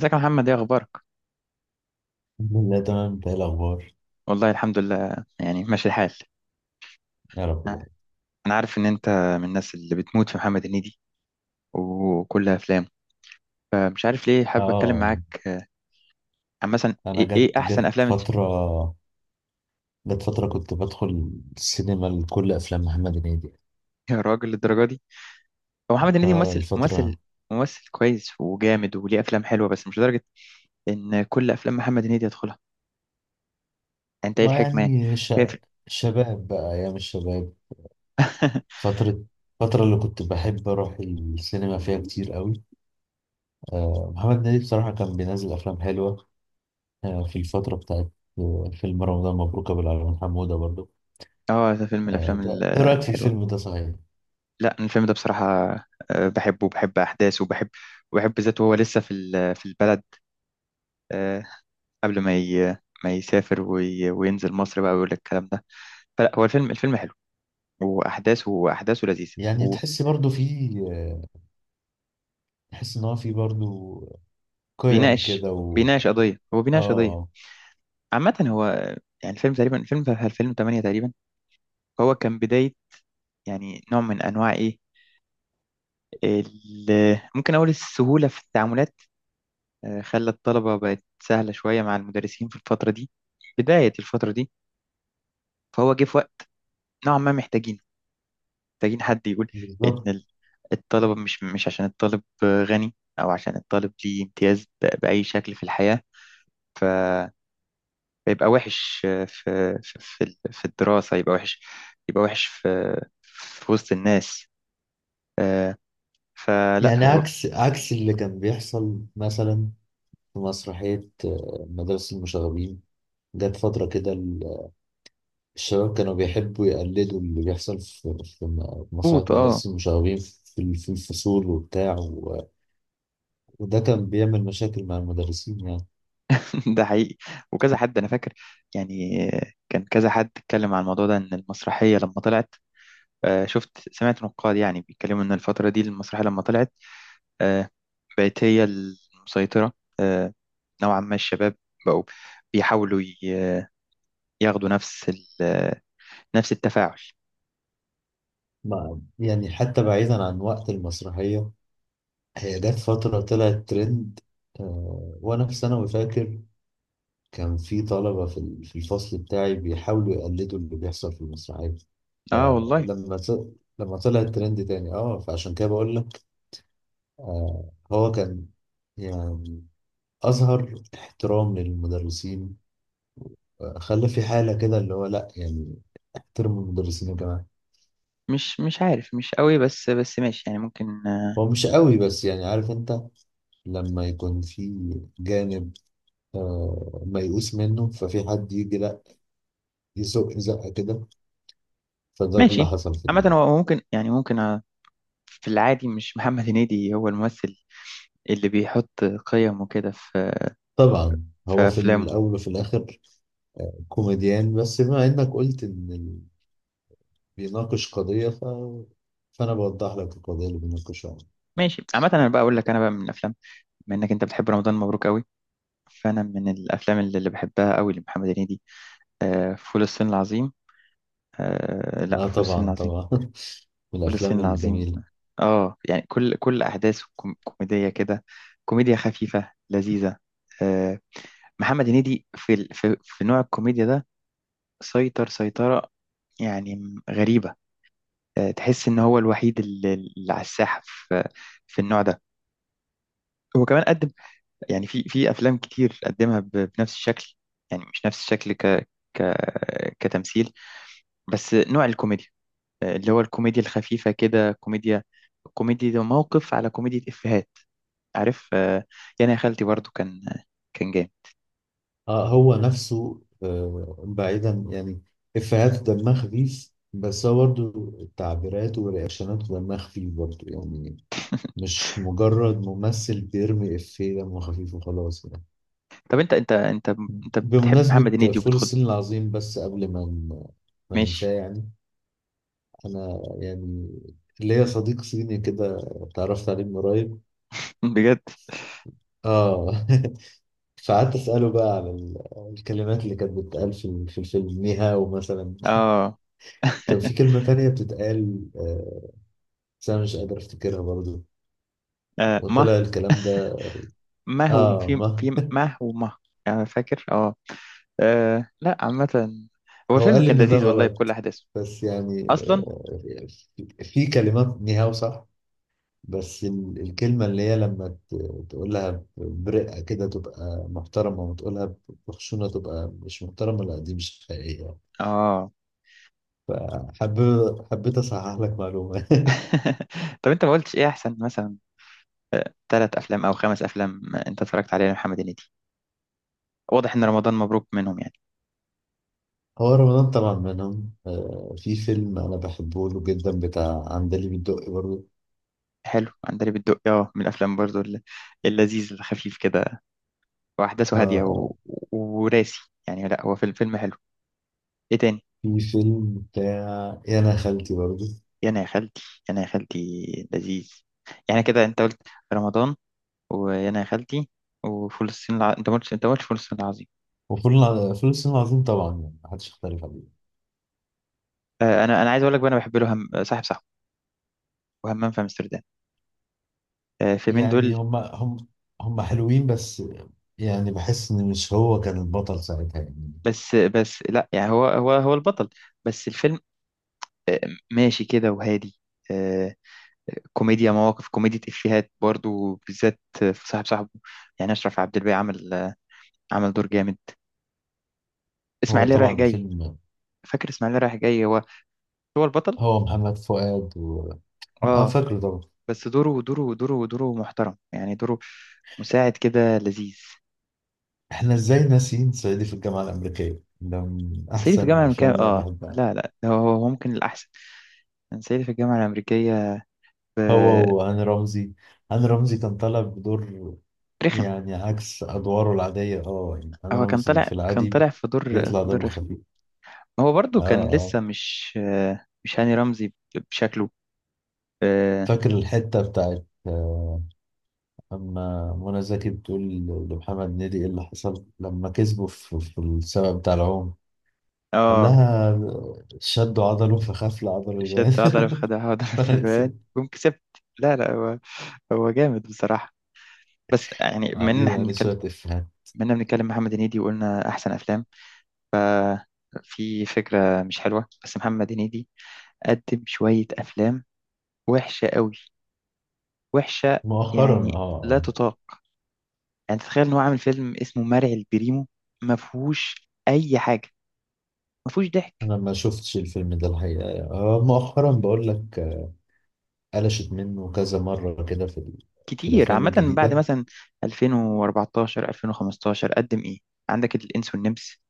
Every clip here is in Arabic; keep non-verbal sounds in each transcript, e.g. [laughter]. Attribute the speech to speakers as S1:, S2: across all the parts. S1: ازيك يا محمد؟ ايه اخبارك؟
S2: الحمد لله تمام. انت ايه الاخبار؟
S1: والله الحمد لله يعني ماشي الحال.
S2: يا رب دايما.
S1: انا عارف ان انت من الناس اللي بتموت في محمد هنيدي وكل افلامه، فمش عارف ليه حابب اتكلم
S2: اه،
S1: معاك عن مثلا
S2: انا
S1: إيه
S2: جت
S1: احسن
S2: جت
S1: افلام انت؟
S2: فتره.
S1: [laughs]
S2: جت فتره كنت بدخل السينما لكل افلام محمد هنيدي.
S1: يا راجل، للدرجه دي؟ هو محمد هنيدي
S2: اه
S1: ممثل ممثل
S2: الفتره.
S1: ممثل كويس وجامد وليه افلام حلوه، بس مش لدرجه ان كل افلام محمد هنيدي يدخلها. انت ايه
S2: ما
S1: الحكمه يعني؟
S2: يعني ش...
S1: شايف-
S2: شباب بقى، ايام الشباب.
S1: [laughs]
S2: فتره، الفتره اللي كنت بحب اروح السينما فيها كتير قوي. آه محمد هنيدي بصراحه كان بينزل افلام حلوه. آه، في الفتره بتاعت، آه، فيلم رمضان مبروك ابو العلمين حموده برضو.
S1: اه، ده فيلم من
S2: آه،
S1: الافلام
S2: انت ايه رايك في
S1: الحلوه.
S2: الفيلم ده صحيح؟
S1: لا، أنا الفيلم ده بصراحه بحبه وبحب احداثه وبحب ذاته وهو لسه في في البلد، آه، قبل ما يسافر وينزل مصر بقى ويقول لك الكلام ده. فلا، هو الفيلم حلو، واحداثه لذيذه.
S2: يعني تحس برضو فيه، تحس ان هو في برضو قيم
S1: وبيناقش
S2: كده
S1: بيناقش قضيه، هو بيناقش قضيه
S2: اه،
S1: عامه. هو يعني الفيلم تقريبا، الفيلم 8 تقريبا، هو كان بدايه يعني نوع من انواع ايه، ممكن اقول السهوله في التعاملات، خلى الطلبه بقت سهله شويه مع المدرسين في الفتره دي، بدايه الفتره دي. فهو جه في وقت نوعا ما محتاجين، حد يقول إن
S2: بالظبط.
S1: الطلبة مش عشان الطالب غني أو عشان الطالب ليه امتياز بأي شكل في الحياة، ف- فيبقى وحش في في في الدراسة، يبقى وحش، يبقى وحش في في وسط الناس، آه، فلا
S2: يعني
S1: هو.
S2: عكس اللي كان بيحصل مثلا في مسرحية، آه، مدرسة المشاغبين. جت فترة كده، الشباب كانوا بيحبوا يقلدوا اللي بيحصل في مسرحية
S1: مظبوط، اه.
S2: مدرسة المشاغبين في في الفصول وبتاع وده كان بيعمل مشاكل مع المدرسين يعني.
S1: [laughs] ده حقيقي، وكذا حد أنا فاكر يعني. كان كذا حد اتكلم عن الموضوع ده إن المسرحية لما طلعت، شفت سمعت نقاد يعني بيتكلموا إن الفترة دي المسرحية لما طلعت، آه، بقت هي المسيطرة، آه، نوعا ما الشباب بقوا بيحاولوا ياخدوا نفس نفس التفاعل.
S2: مع يعني حتى بعيدا عن وقت المسرحية، هي جت فترة طلعت ترند. آه، وأنا في ثانوي فاكر كان في طلبة في في الفصل بتاعي بيحاولوا يقلدوا اللي بيحصل في المسرحية.
S1: اه والله.
S2: فلما ط- لما طلع الترند تاني. اه فعشان كده بقول لك آه هو كان يعني أظهر احترام للمدرسين. آه، خلى في حالة كده اللي هو لأ يعني احترموا المدرسين يا جماعة.
S1: مش عارف، مش قوي، بس بس ماشي يعني ممكن،
S2: هو مش قوي بس يعني، عارف انت لما يكون في جانب آه ميؤوس منه ففي حد يجي لأ يزق زقة كده. فده اللي
S1: ماشي.
S2: حصل
S1: عامة هو ممكن يعني، ممكن في العادي مش محمد هنيدي هو الممثل اللي بيحط قيم وكده في
S2: طبعا
S1: في
S2: هو في
S1: أفلامه.
S2: الأول وفي الآخر كوميديان، بس بما إنك قلت إن بيناقش قضية فأنا بوضح لك القضية اللي بيناقشها.
S1: ماشي، عامة أنا بقى أقول لك، أنا بقى من الأفلام، بما إنك أنت بتحب رمضان مبروك قوي، فأنا من الأفلام اللي بحبها قوي لمحمد هنيدي، فول الصين العظيم. آه لا،
S2: لا
S1: فول الصين
S2: طبعا،
S1: العظيم.
S2: طبعا. [laughs] من
S1: فول الصين
S2: الأفلام
S1: العظيم،
S2: الجميلة.
S1: اه، يعني كل احداثه كوميديه كده، كوميديا خفيفه لذيذه. آه، محمد هنيدي في في في نوع الكوميديا ده سيطر سيطره يعني، غريبه. آه، تحس ان هو الوحيد اللي على الساحه في في النوع ده. هو كمان قدم يعني في في افلام كتير قدمها بنفس الشكل، يعني مش نفس الشكل ك ك كتمثيل، بس نوع الكوميديا، اللي هو الكوميديا الخفيفة كده، كوميديا، كوميديا ده موقف على كوميديا إفيهات، عارف. يعني يا خالتي برضو كان كان جامد.
S2: آه هو نفسه، آه بعيدا يعني إفيهاته دمها خفيف، بس هو برضه تعبيراته ورياكشناته دمها خفيف برضه يعني. مش مجرد ممثل بيرمي إفيه دمه خفيف وخلاص يعني.
S1: طب انت بتحب محمد
S2: بمناسبة
S1: هنيدي
S2: فول
S1: وبتخد.
S2: الصين العظيم، بس قبل ما
S1: ماشي.
S2: ننساه يعني. انا يعني ليا صديق صيني كده اتعرفت عليه من قريب.
S1: [laughs] بجد؟
S2: اه. [laughs] فقعدت اساله بقى على الكلمات اللي كانت بتتقال في في الفيلم، نيهاو مثلا.
S1: اه.
S2: كان في كلمه تانية بتتقال، آه، بس انا مش قادر افتكرها برضه.
S1: آه، مه
S2: وطلع الكلام ده.
S1: ما هو
S2: اه.
S1: في
S2: ما
S1: في، ما هو ما، يعني فاكر اه. لا عامة هو
S2: هو
S1: فيلم
S2: قال لي
S1: كان
S2: ان ده
S1: لذيذ والله بكل
S2: غلط.
S1: أحداثه
S2: بس يعني،
S1: أصلا.
S2: آه، في في كلمات نيهاو صح، بس الكلمة اللي هي لما تقولها برقة كده تبقى محترمة، وتقولها بخشونة تبقى مش محترمة. لا دي مش حقيقية.
S1: اه.
S2: فحب، حبيت أصحح لك معلومة.
S1: [laughs] طب انت ما قلتش ايه أحسن مثلا ثلاث أفلام أو خمس أفلام أنت اتفرجت عليها لمحمد هنيدي؟ واضح ان رمضان مبروك منهم يعني.
S2: [laughs] هو رمضان طبعا منهم. آه، في فيلم أنا بحبه له جدا بتاع عندليب الدقي برضه.
S1: حلو، عندليب الدقي، اه، من الافلام برضو اللذيذ الخفيف كده،
S2: آه
S1: واحداثه هاديه
S2: آه.
S1: وراسي، يعني لا، هو فيلم، فيلم حلو. ايه تاني؟
S2: في فيلم بتاع يا أنا خالتي برضه.
S1: يا انا يا خالتي، يا انا يا خالتي لذيذ. يعني كده انت قلت رمضان ويا انا يا خالتي وفول انت ما قلتش، انت ما قلتش فول الصين العظيم.
S2: وفول الع- فول الصين العظيم طبعا يعني محدش يختلف عليه.
S1: آه، انا عايز اقول لك بقى، انا بحب له صاحب صاحبه وهمام في امستردام، آه، فيلمين
S2: يعني
S1: دول.
S2: هم حلوين، بس يعني بحس ان مش هو كان البطل ساعتها يعني.
S1: بس بس لا، يعني هو هو البطل، بس الفيلم آه ماشي كده وهادي، آه، كوميديا مواقف، كوميديا إفيهات برضو، بالذات في صاحب صاحبه. يعني أشرف عبد الباقي عمل عمل دور جامد.
S2: هو
S1: إسماعيلية رايح
S2: طبعا
S1: جاي،
S2: فيلم،
S1: فاكر إسماعيلية رايح جاي؟ هو هو البطل،
S2: هو محمد فؤاد اه
S1: اه،
S2: فاكره طبعا.
S1: بس دوره، دوره محترم، يعني دوره مساعد كده لذيذ.
S2: احنا ازاي ناسيين صعيدي في الجامعة الأمريكية؟ ده من
S1: صعيدي في
S2: احسن
S1: الجامعة الأمريكية،
S2: الافلام اللي انا
S1: اه،
S2: بحبها.
S1: لا لا، هو هو ممكن الأحسن كان صعيدي في الجامعة الأمريكية. ب-
S2: هو وهاني رمزي. هاني رمزي كان طالع بدور
S1: رخم،
S2: يعني عكس ادواره العادية. اه يعني هاني
S1: هو كان
S2: رمزي
S1: طالع،
S2: في العادي
S1: في دور،
S2: بيطلع
S1: في دور
S2: دمه
S1: رخم.
S2: خفيف.
S1: هو برضو
S2: اه.
S1: كان
S2: اه.
S1: لسه مش هاني رمزي بشكله، اه.
S2: فاكر الحتة بتاعت، آه، أما منى زكي بتقول لمحمد هنيدي إيه اللي حصل لما كسبه في السبب بتاع العوم؟ قال
S1: آه،
S2: لها شدوا عضله فخاف العضله
S1: شد
S2: يبان.
S1: عضلة في خدع عضلة في البيان،
S2: [laughs]
S1: قوم كسبت. لا لا، هو هو جامد بصراحة. بس يعني من ان
S2: عليه
S1: احنا
S2: يعني
S1: بنتكلم،
S2: شوية إفيهات.
S1: منا بنتكلم محمد هنيدي وقلنا احسن افلام، في فكرة مش حلوة، بس محمد هنيدي قدم شوية افلام وحشة قوي، وحشة
S2: مؤخرا، آه
S1: يعني لا
S2: آه.
S1: تطاق. يعني تتخيل ان هو عامل فيلم اسمه مرعي البريمو؟ ما فيهوش اي حاجة، ما فيهوش ضحك.
S2: أنا ما شفتش الفيلم ده الحقيقة يعني. آه مؤخرا بقول لك قلشت منه كذا مرة كده في في
S1: كتير،
S2: الأفلام
S1: عامة، من بعد
S2: الجديدة.
S1: مثلا 2014 2015 قدم ايه؟ عندك الانس والنمس،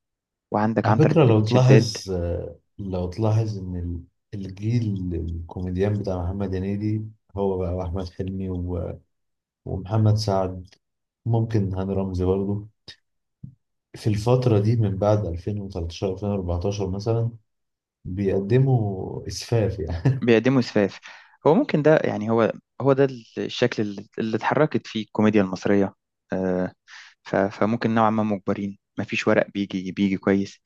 S1: وعندك
S2: على
S1: عنتر
S2: فكرة
S1: بن
S2: لو
S1: ابن شداد.
S2: تلاحظ، آه، لو تلاحظ إن الجيل الكوميديان بتاع محمد هنيدي، هو بقى وأحمد حلمي ومحمد سعد، ممكن هاني رمزي برضه، في الفترة دي من بعد 2013 2014 مثلا بيقدموا إسفاف يعني.
S1: بيقدموا اسفاف. هو ممكن ده يعني، هو هو ده الشكل اللي اتحركت فيه الكوميديا المصرية، آه، فممكن نوعا ما مجبرين، مفيش ورق بيجي كويس.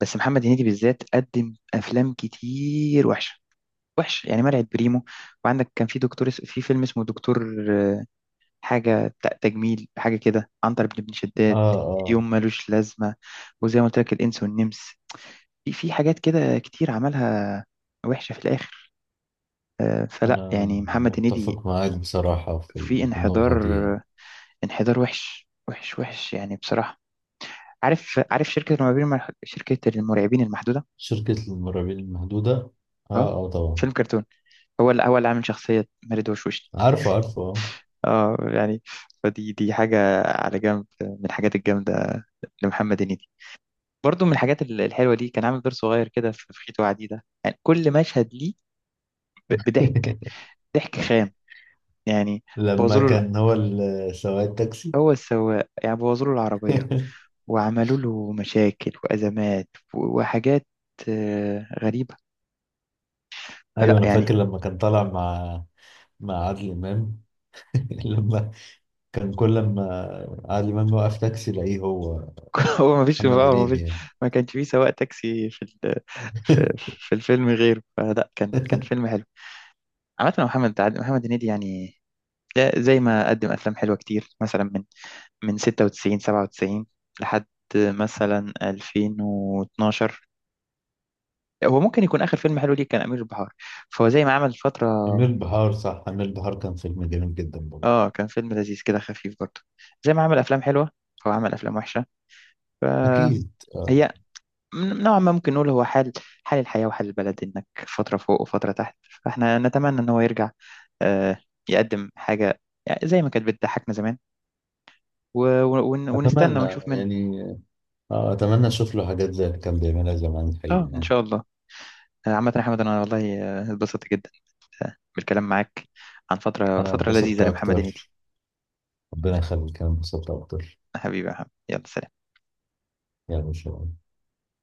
S1: بس محمد هنيدي بالذات قدم افلام كتير وحشة، وحش يعني مرعي بريمو، وعندك كان في دكتور في فيلم اسمه دكتور، حاجة تجميل حاجة كده، عنتر بن ابن
S2: [laughs]
S1: شداد،
S2: آه آه.
S1: يوم ملوش لازمة، وزي ما قلت لك الإنس والنمس، في في حاجات كده كتير عملها وحشة في الآخر، فلا
S2: أنا
S1: يعني محمد هنيدي
S2: متفق معاك بصراحة في
S1: في
S2: في
S1: انحدار.
S2: النقطة دي يعني.
S1: انحدار وحش وحش وحش يعني بصراحة. عارف، شركة المرعبين شركة المرعبين المحدودة؟
S2: شركة المرعبين المحدودة،
S1: اه،
S2: آه آه طبعا.
S1: فيلم كرتون، هو اللي، عامل شخصية مارد وشوشني،
S2: عارفه عارفه، آه.
S1: اه. يعني فدي، حاجة على جنب من الحاجات الجامدة لمحمد هنيدي. برضه من الحاجات الحلوة دي كان عامل دور صغير كده في في خيط وعديدة، يعني كل مشهد ليه بضحك،
S2: [laughs]
S1: ضحك خام يعني. بوظوا
S2: لما
S1: له ال-
S2: كان هو سواق التاكسي.
S1: هو السواق يعني، بوظوا له العربية
S2: [laughs]
S1: وعملوا له مشاكل وأزمات وحاجات غريبة،
S2: أيوه
S1: فلا
S2: أنا
S1: يعني.
S2: فاكر لما كان طالع مع، مع عادل إمام. [laughs] لما كان كل لما عادل إمام يوقف تاكسي يلاقيه هو
S1: [laughs] هو ما فيش
S2: محمد
S1: ما
S2: هنيدي
S1: فيش
S2: يعني.
S1: ما كانش فيه سواق تاكسي في في, في الفيلم غيره، فلا كان كان فيلم حلو. عامة يا محمد، محمد هنيدي يعني ده زي ما قدم أفلام حلوة كتير مثلا من 96 97 لحد مثلا 2012، هو ممكن يكون آخر فيلم حلو ليه كان أمير البحار، فهو زي ما عمل فترة.
S2: أمير بحار، صح، أمير بحار كان فيلم جميل جدا برضه.
S1: اه، كان فيلم لذيذ كده خفيف برضه. زي ما عمل افلام حلوه فهو عمل افلام وحشه. فهي
S2: أكيد، آه.
S1: نوعا ما ممكن نقول، هو حال، حال الحياه وحال البلد، انك فتره فوق وفتره تحت. فاحنا نتمنى ان هو يرجع، آه، يقدم حاجه يعني زي ما كانت بتضحكنا زمان ونستنى
S2: أتمنى
S1: ونشوف منه.
S2: يعني، آه أتمنى أشوف له حاجات زي اللي كان بيعملها زمان الحقيقة
S1: اه ان
S2: يعني.
S1: شاء الله. عامه يا احمد، انا والله اتبسطت جدا، بالكلام معاك عن فتره،
S2: أنا
S1: فتره لذيذه
S2: اتبسطت
S1: لمحمد هنيدي.
S2: أكتر، ربنا يخليك، أنا اتبسطت أكتر.
S1: حبيبي يا محمد، يلا سلام.
S2: يعني إن شاء الله.